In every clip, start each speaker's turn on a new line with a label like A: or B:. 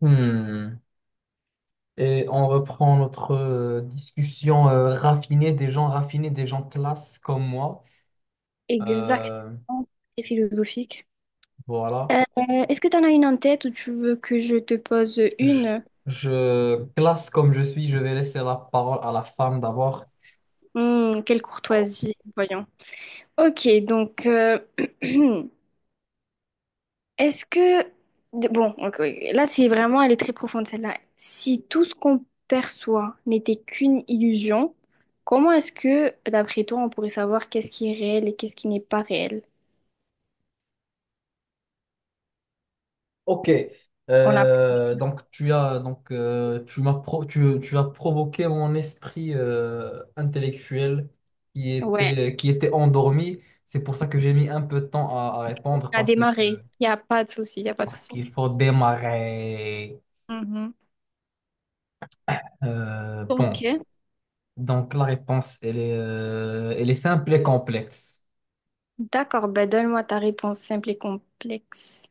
A: Hmm. Et on reprend notre discussion raffinée, des gens raffinés, des gens classe comme moi. Euh,
B: Exactement, c'est philosophique.
A: voilà.
B: Euh, Est-ce que tu en as une en tête ou tu veux que je te pose
A: Je,
B: une?
A: Classe comme je suis, je vais laisser la parole à la femme d'abord.
B: Hmm, quelle courtoisie, voyons. Ok, donc, est-ce que... Bon, ok, ok. Là, c'est vraiment, elle est très profonde, celle-là. Si tout ce qu'on perçoit n'était qu'une illusion, comment est-ce que, d'après toi, on pourrait savoir qu'est-ce qui est réel et qu'est-ce qui n'est pas réel?
A: Ok.
B: On a...
A: Donc tu as tu as provoqué mon esprit intellectuel qui
B: Ouais,
A: était qui était endormi. C'est pour ça que j'ai mis un peu de temps à répondre
B: on a
A: parce que
B: démarré. Il n'y a pas de souci, il n'y a pas de
A: parce
B: souci.
A: qu'il faut démarrer.
B: Mhm.
A: Euh, bon,
B: Ok.
A: donc la réponse, elle est simple et complexe.
B: D'accord, ben donne-moi ta réponse simple et complexe.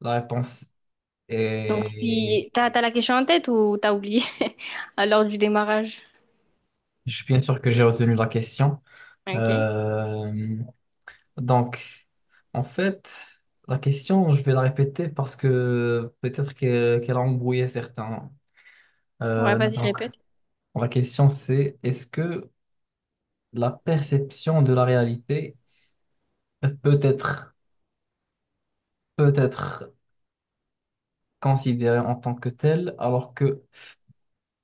A: La réponse
B: Donc, Ah,
A: est.
B: si t'as la question en tête ou t'as oublié à l'heure du démarrage?
A: Je suis bien sûr que j'ai retenu la question.
B: Ok.
A: Euh, donc, en fait, la question, je vais la répéter parce que peut-être qu'elle a embrouillé certains.
B: Ouais,
A: Euh,
B: vas-y,
A: donc,
B: répète.
A: la question, c'est est-ce que la perception de la réalité peut être, peut être considérée en tant que telle alors que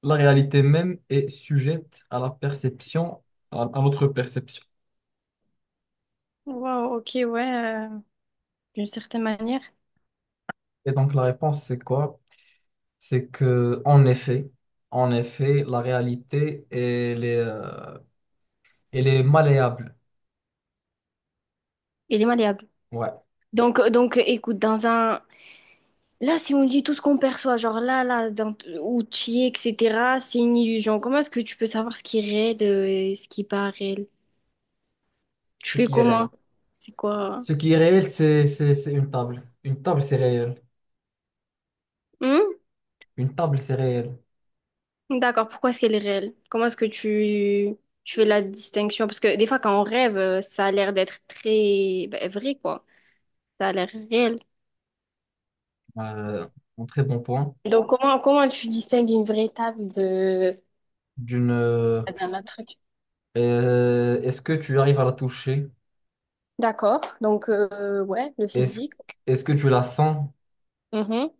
A: la réalité même est sujette à la perception, à notre perception.
B: Wow, ok, ouais, d'une certaine manière,
A: Et donc la réponse, c'est quoi? C'est que, en effet, la réalité, elle est malléable.
B: il est malléable.
A: Ouais,
B: Donc, écoute, dans un... Là, si on dit tout ce qu'on perçoit, genre là, là, dans... où tu es, etc., c'est une illusion. Comment est-ce que tu peux savoir ce qui est réel et ce qui n'est pas réel? Tu
A: ce
B: fais
A: qui est
B: comment?
A: réel.
B: C'est quoi?
A: Ce qui est réel, c'est une table. Une table, c'est réel.
B: Hmm.
A: Une table, c'est réel.
B: D'accord, pourquoi est-ce qu'elle est réelle? Comment est-ce que tu fais la distinction? Parce que des fois, quand on rêve, ça a l'air d'être très ben, vrai, quoi. Ça a l'air réel.
A: Euh, un très bon point.
B: Donc, comment, comment tu distingues une vraie table de...
A: D'une, euh,
B: D'un autre truc.
A: Est-ce que tu arrives à la toucher?
B: D'accord, donc, ouais, le
A: Est-ce,
B: physique.
A: Est-ce que tu la sens?
B: Mhm,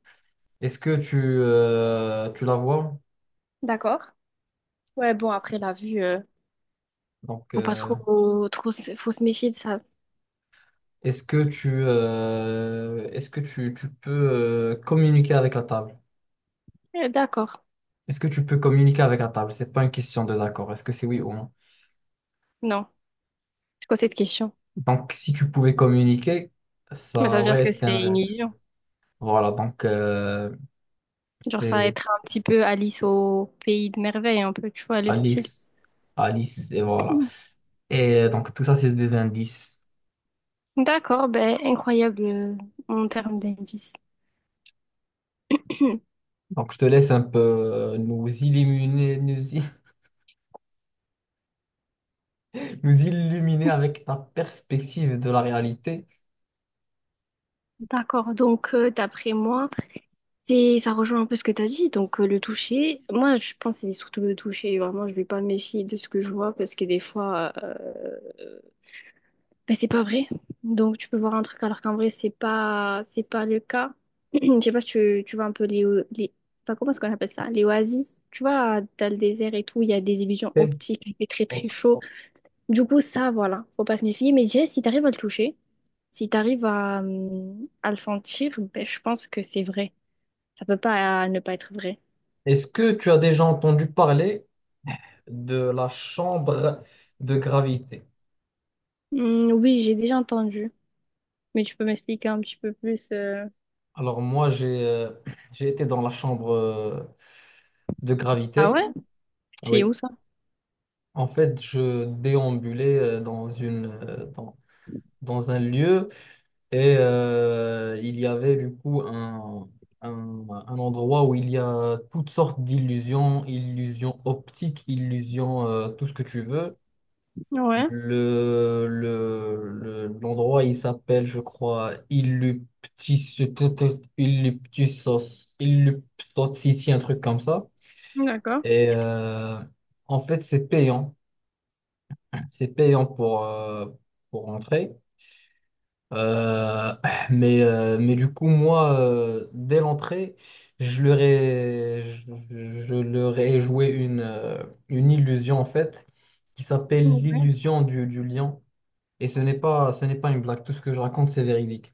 A: Est-ce que tu la vois?
B: d'accord. Ouais, bon, après, la vue,
A: Donc,
B: faut pas
A: euh,
B: trop, trop, faut se méfier de ça.
A: Est-ce que est-ce que tu peux communiquer avec la table?
B: D'accord.
A: Est-ce que tu peux communiquer avec la table? C'est pas une question de d'accord. Est-ce que c'est oui ou non?
B: Non. C'est quoi cette question?
A: Donc, si tu pouvais communiquer,
B: Mais ça
A: ça
B: veut dire
A: aurait
B: que
A: été un
B: c'est une
A: rêve.
B: illusion.
A: Voilà, donc
B: Genre, ça va
A: c'est
B: être un petit peu Alice au pays de merveille, un peu, tu vois, le style.
A: Alice, Alice, et voilà. Et donc, tout ça, c'est des indices.
B: D'accord, ben, incroyable en termes d'indices.
A: Donc, je te laisse un peu nous illuminer, nous illuminer avec ta perspective de la réalité.
B: D'accord, donc d'après moi, c'est ça rejoint un peu ce que tu as dit, donc le toucher. Moi, je pense que c'est surtout le toucher. Vraiment, je vais pas me méfier de ce que je vois parce que des fois, ben, c'est pas vrai. Donc tu peux voir un truc alors qu'en vrai, c'est pas le cas. Je sais pas si tu, tu vois un peu les, les enfin, comment est-ce qu'on appelle ça? Les oasis. Tu vois, dans le désert et tout, il y a des illusions
A: Ok.
B: optiques, il fait très très
A: Donc,
B: chaud. Du coup, ça, voilà, faut pas se méfier. Mais déjà, si t'arrives à le toucher, si t'arrives à le sentir, ben, je pense que c'est vrai. Ça peut pas ne pas être vrai.
A: est-ce que tu as déjà entendu parler de la chambre de gravité?
B: Oui, j'ai déjà entendu. Mais tu peux m'expliquer un petit peu plus,
A: Alors moi, j'ai été dans la chambre de
B: ah
A: gravité.
B: ouais? C'est où
A: Oui,
B: ça?
A: en fait, je déambulais dans dans un lieu et il y avait du coup un endroit où il y a toutes sortes d'illusions, illusions optiques, illusions, tout ce que tu veux.
B: Ouais,
A: L'endroit, il s'appelle, je crois, Illuptis, Illuptisos, Illuptos, un truc comme ça.
B: d'accord.
A: Et en fait, c'est payant. C'est payant pour entrer. Euh, mais, mais du coup, moi, dès l'entrée, je leur ai, je leur ai joué une illusion, en fait, qui s'appelle
B: Ouais.
A: l'illusion du lion. Et ce n'est pas une blague. Tout ce que je raconte, c'est véridique.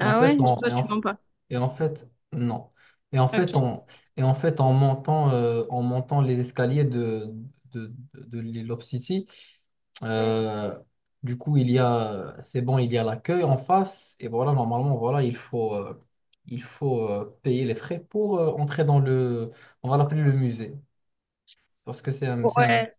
A: Et en fait,
B: ouais?
A: on,
B: Toi, tu mens pas.
A: et en fait, Non. Et en
B: Ok.
A: fait, on, et en fait, En montant, en montant les escaliers de l'île of City, euh, du coup, il y a, c'est bon, il y a l'accueil en face. Et voilà, normalement, voilà, il faut payer les frais pour entrer dans le, on va l'appeler le musée, parce que
B: Ouais.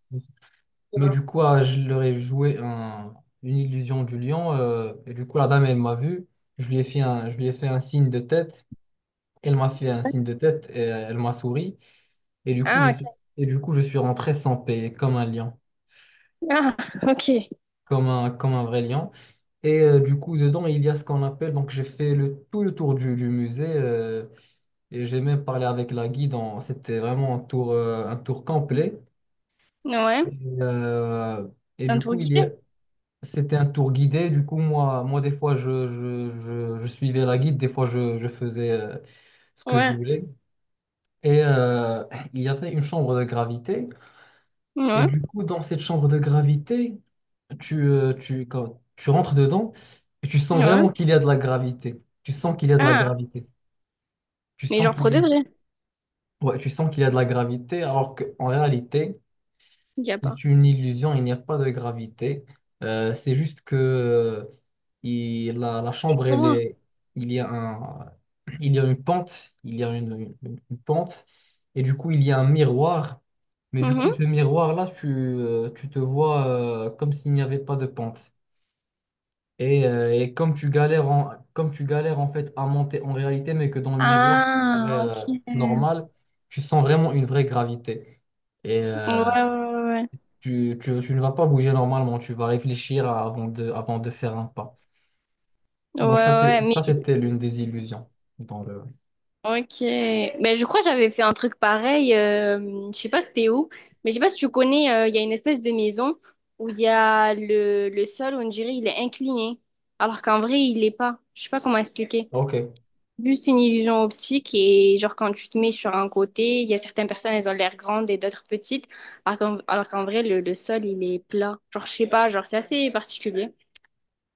A: mais du coup, ah, je leur ai joué un- une illusion du lion. Et du coup, la dame, elle m'a vu. Je lui ai fait un signe de tête. Elle m'a fait un signe de tête et elle m'a souri. Et du coup, je
B: Ah,
A: suis,
B: ok.
A: et du coup, je suis rentré sans paix, comme un lion,
B: Ah, ok.
A: comme un vrai lion. Et du coup, dedans, il y a ce qu'on appelle. Donc, j'ai fait le, tout le tour du musée. Et j'ai même parlé avec la guide. C'était vraiment un tour complet.
B: Ouais.
A: Et, euh, et
B: Un
A: du
B: tour
A: coup, il y a,
B: guidé?
A: C'était un tour guidé, du coup, moi des fois, je suivais la guide, des fois, je faisais ce que je
B: Ouais.
A: voulais. Et il y avait une chambre de gravité. Et
B: Ouais.
A: du coup, dans cette chambre de gravité, quand tu rentres dedans et tu sens
B: Ouais.
A: vraiment qu'il y a de la gravité. Tu sens qu'il y a de la
B: Ah.
A: gravité. Tu
B: Mais
A: sens
B: genre
A: qu'il
B: pour
A: y a,
B: de vrai.
A: Ouais, tu sens qu'il y a de la gravité, alors qu'en réalité,
B: Il y a pas.
A: c'est une illusion, il n'y a pas de gravité. C'est juste que la
B: Et
A: chambre, elle
B: comment?
A: est, il y a un, il y a une pente, il y a une pente, et du coup, il y a un miroir. Mais du coup, ce miroir-là, tu te vois comme s'il n'y avait pas de pente. Et comme tu galères en fait à monter en réalité, mais que dans le miroir, tu parais
B: Ah, ok. Ouais,
A: normal, tu sens vraiment une vraie gravité. Et,
B: ouais, ouais.
A: tu ne vas pas bouger normalement, tu vas avant de faire un pas.
B: Ouais,
A: Donc ça,
B: ouais,
A: c'était l'une des illusions dans le...
B: ok. Ben, je crois que j'avais fait un truc pareil, je sais pas c'était où, mais je sais pas si tu connais, il y a une espèce de maison où il y a le sol, on dirait, il est incliné. Alors qu'en vrai, il l'est pas. Je sais pas comment expliquer.
A: Ok,
B: Juste une illusion optique et genre quand tu te mets sur un côté, il y a certaines personnes, elles ont l'air grandes et d'autres petites. Alors qu'en vrai, le sol, il est plat. Genre, je sais pas, genre c'est assez particulier.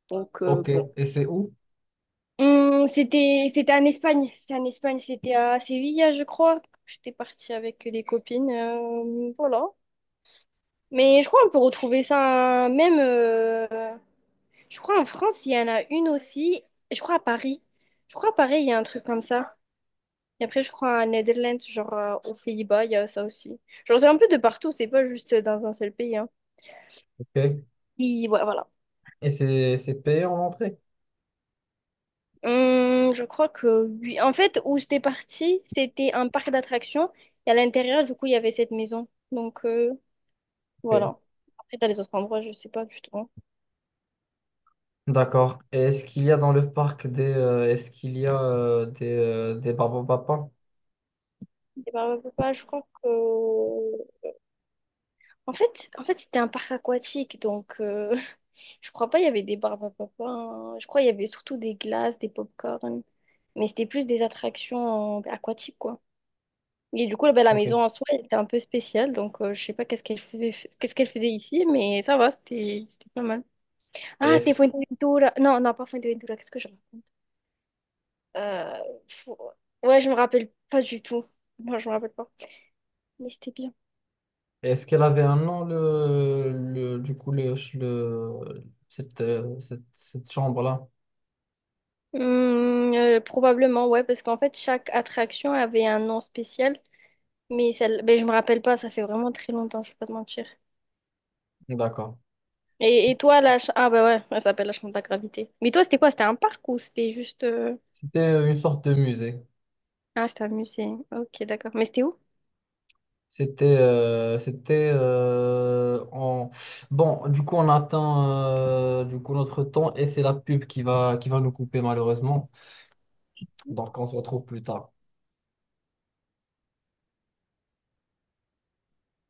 B: Donc,
A: ok.
B: bon.
A: Et c'est où?
B: C'était, c'était en Espagne. C'était en Espagne, c'était à Séville, je crois. J'étais partie avec des copines, voilà. Mais je crois qu'on peut retrouver ça même, je crois en France, il y en a une aussi. Je crois à Paris. Je crois à Paris, il y a un truc comme ça. Et après, je crois à Netherlands, genre aux Pays-Bas, il y a ça aussi. Genre, c'est un peu de partout, c'est pas juste dans un seul pays, hein.
A: Ok.
B: Oui, ouais, voilà.
A: Et c'est payé en entrée?
B: Je crois que oui. En fait, où j'étais partie, c'était un parc d'attractions. Et à l'intérieur, du coup, il y avait cette maison. Donc,
A: Ok.
B: voilà. Après, t'as les autres endroits, je sais pas du tout.
A: D'accord. Et est-ce qu'il y a dans le parc des... est-ce qu'il y a des babapapas?
B: Et je crois que... En fait, c'était un parc aquatique. Donc, je crois pas il y avait des barbes à papa, hein. Je crois il y avait surtout des glaces, des pop corn. Mais c'était plus des attractions aquatiques, quoi. Et du coup, là, bah, la
A: Ok. Et
B: maison en soi, elle était un peu spéciale. Donc, je sais pas qu'est-ce qu'elle faisait, qu'est-ce qu'elle faisait ici. Mais ça va, c'était pas mal. Ah,
A: est-ce,
B: c'était Fuerteventura. Non, non, pas Fuerteventura. Qu'est-ce que je... Euh, fou- ouais, je me rappelle pas du tout. Moi, je me rappelle pas. Mais c'était bien.
A: est-ce qu'elle avait un nom, le, du coup, le, cette, cette, cette chambre-là?
B: Hmm, probablement, ouais, parce qu'en fait, chaque attraction avait un nom spécial. Mais celle... ben, je me rappelle pas, ça fait vraiment très longtemps, je vais pas te mentir.
A: D'accord.
B: Et toi, la... Ah, bah ouais, elle s'appelle la chambre de la gravité. Mais toi, c'était quoi? C'était un parc ou c'était juste...
A: C'était une sorte de musée.
B: ah, c'était un musée. Ok, d'accord. Mais c'était où?
A: C'était, c'était en... Bon, du coup, on attend notre temps et c'est la pub qui va nous couper malheureusement. Donc, on se retrouve plus tard.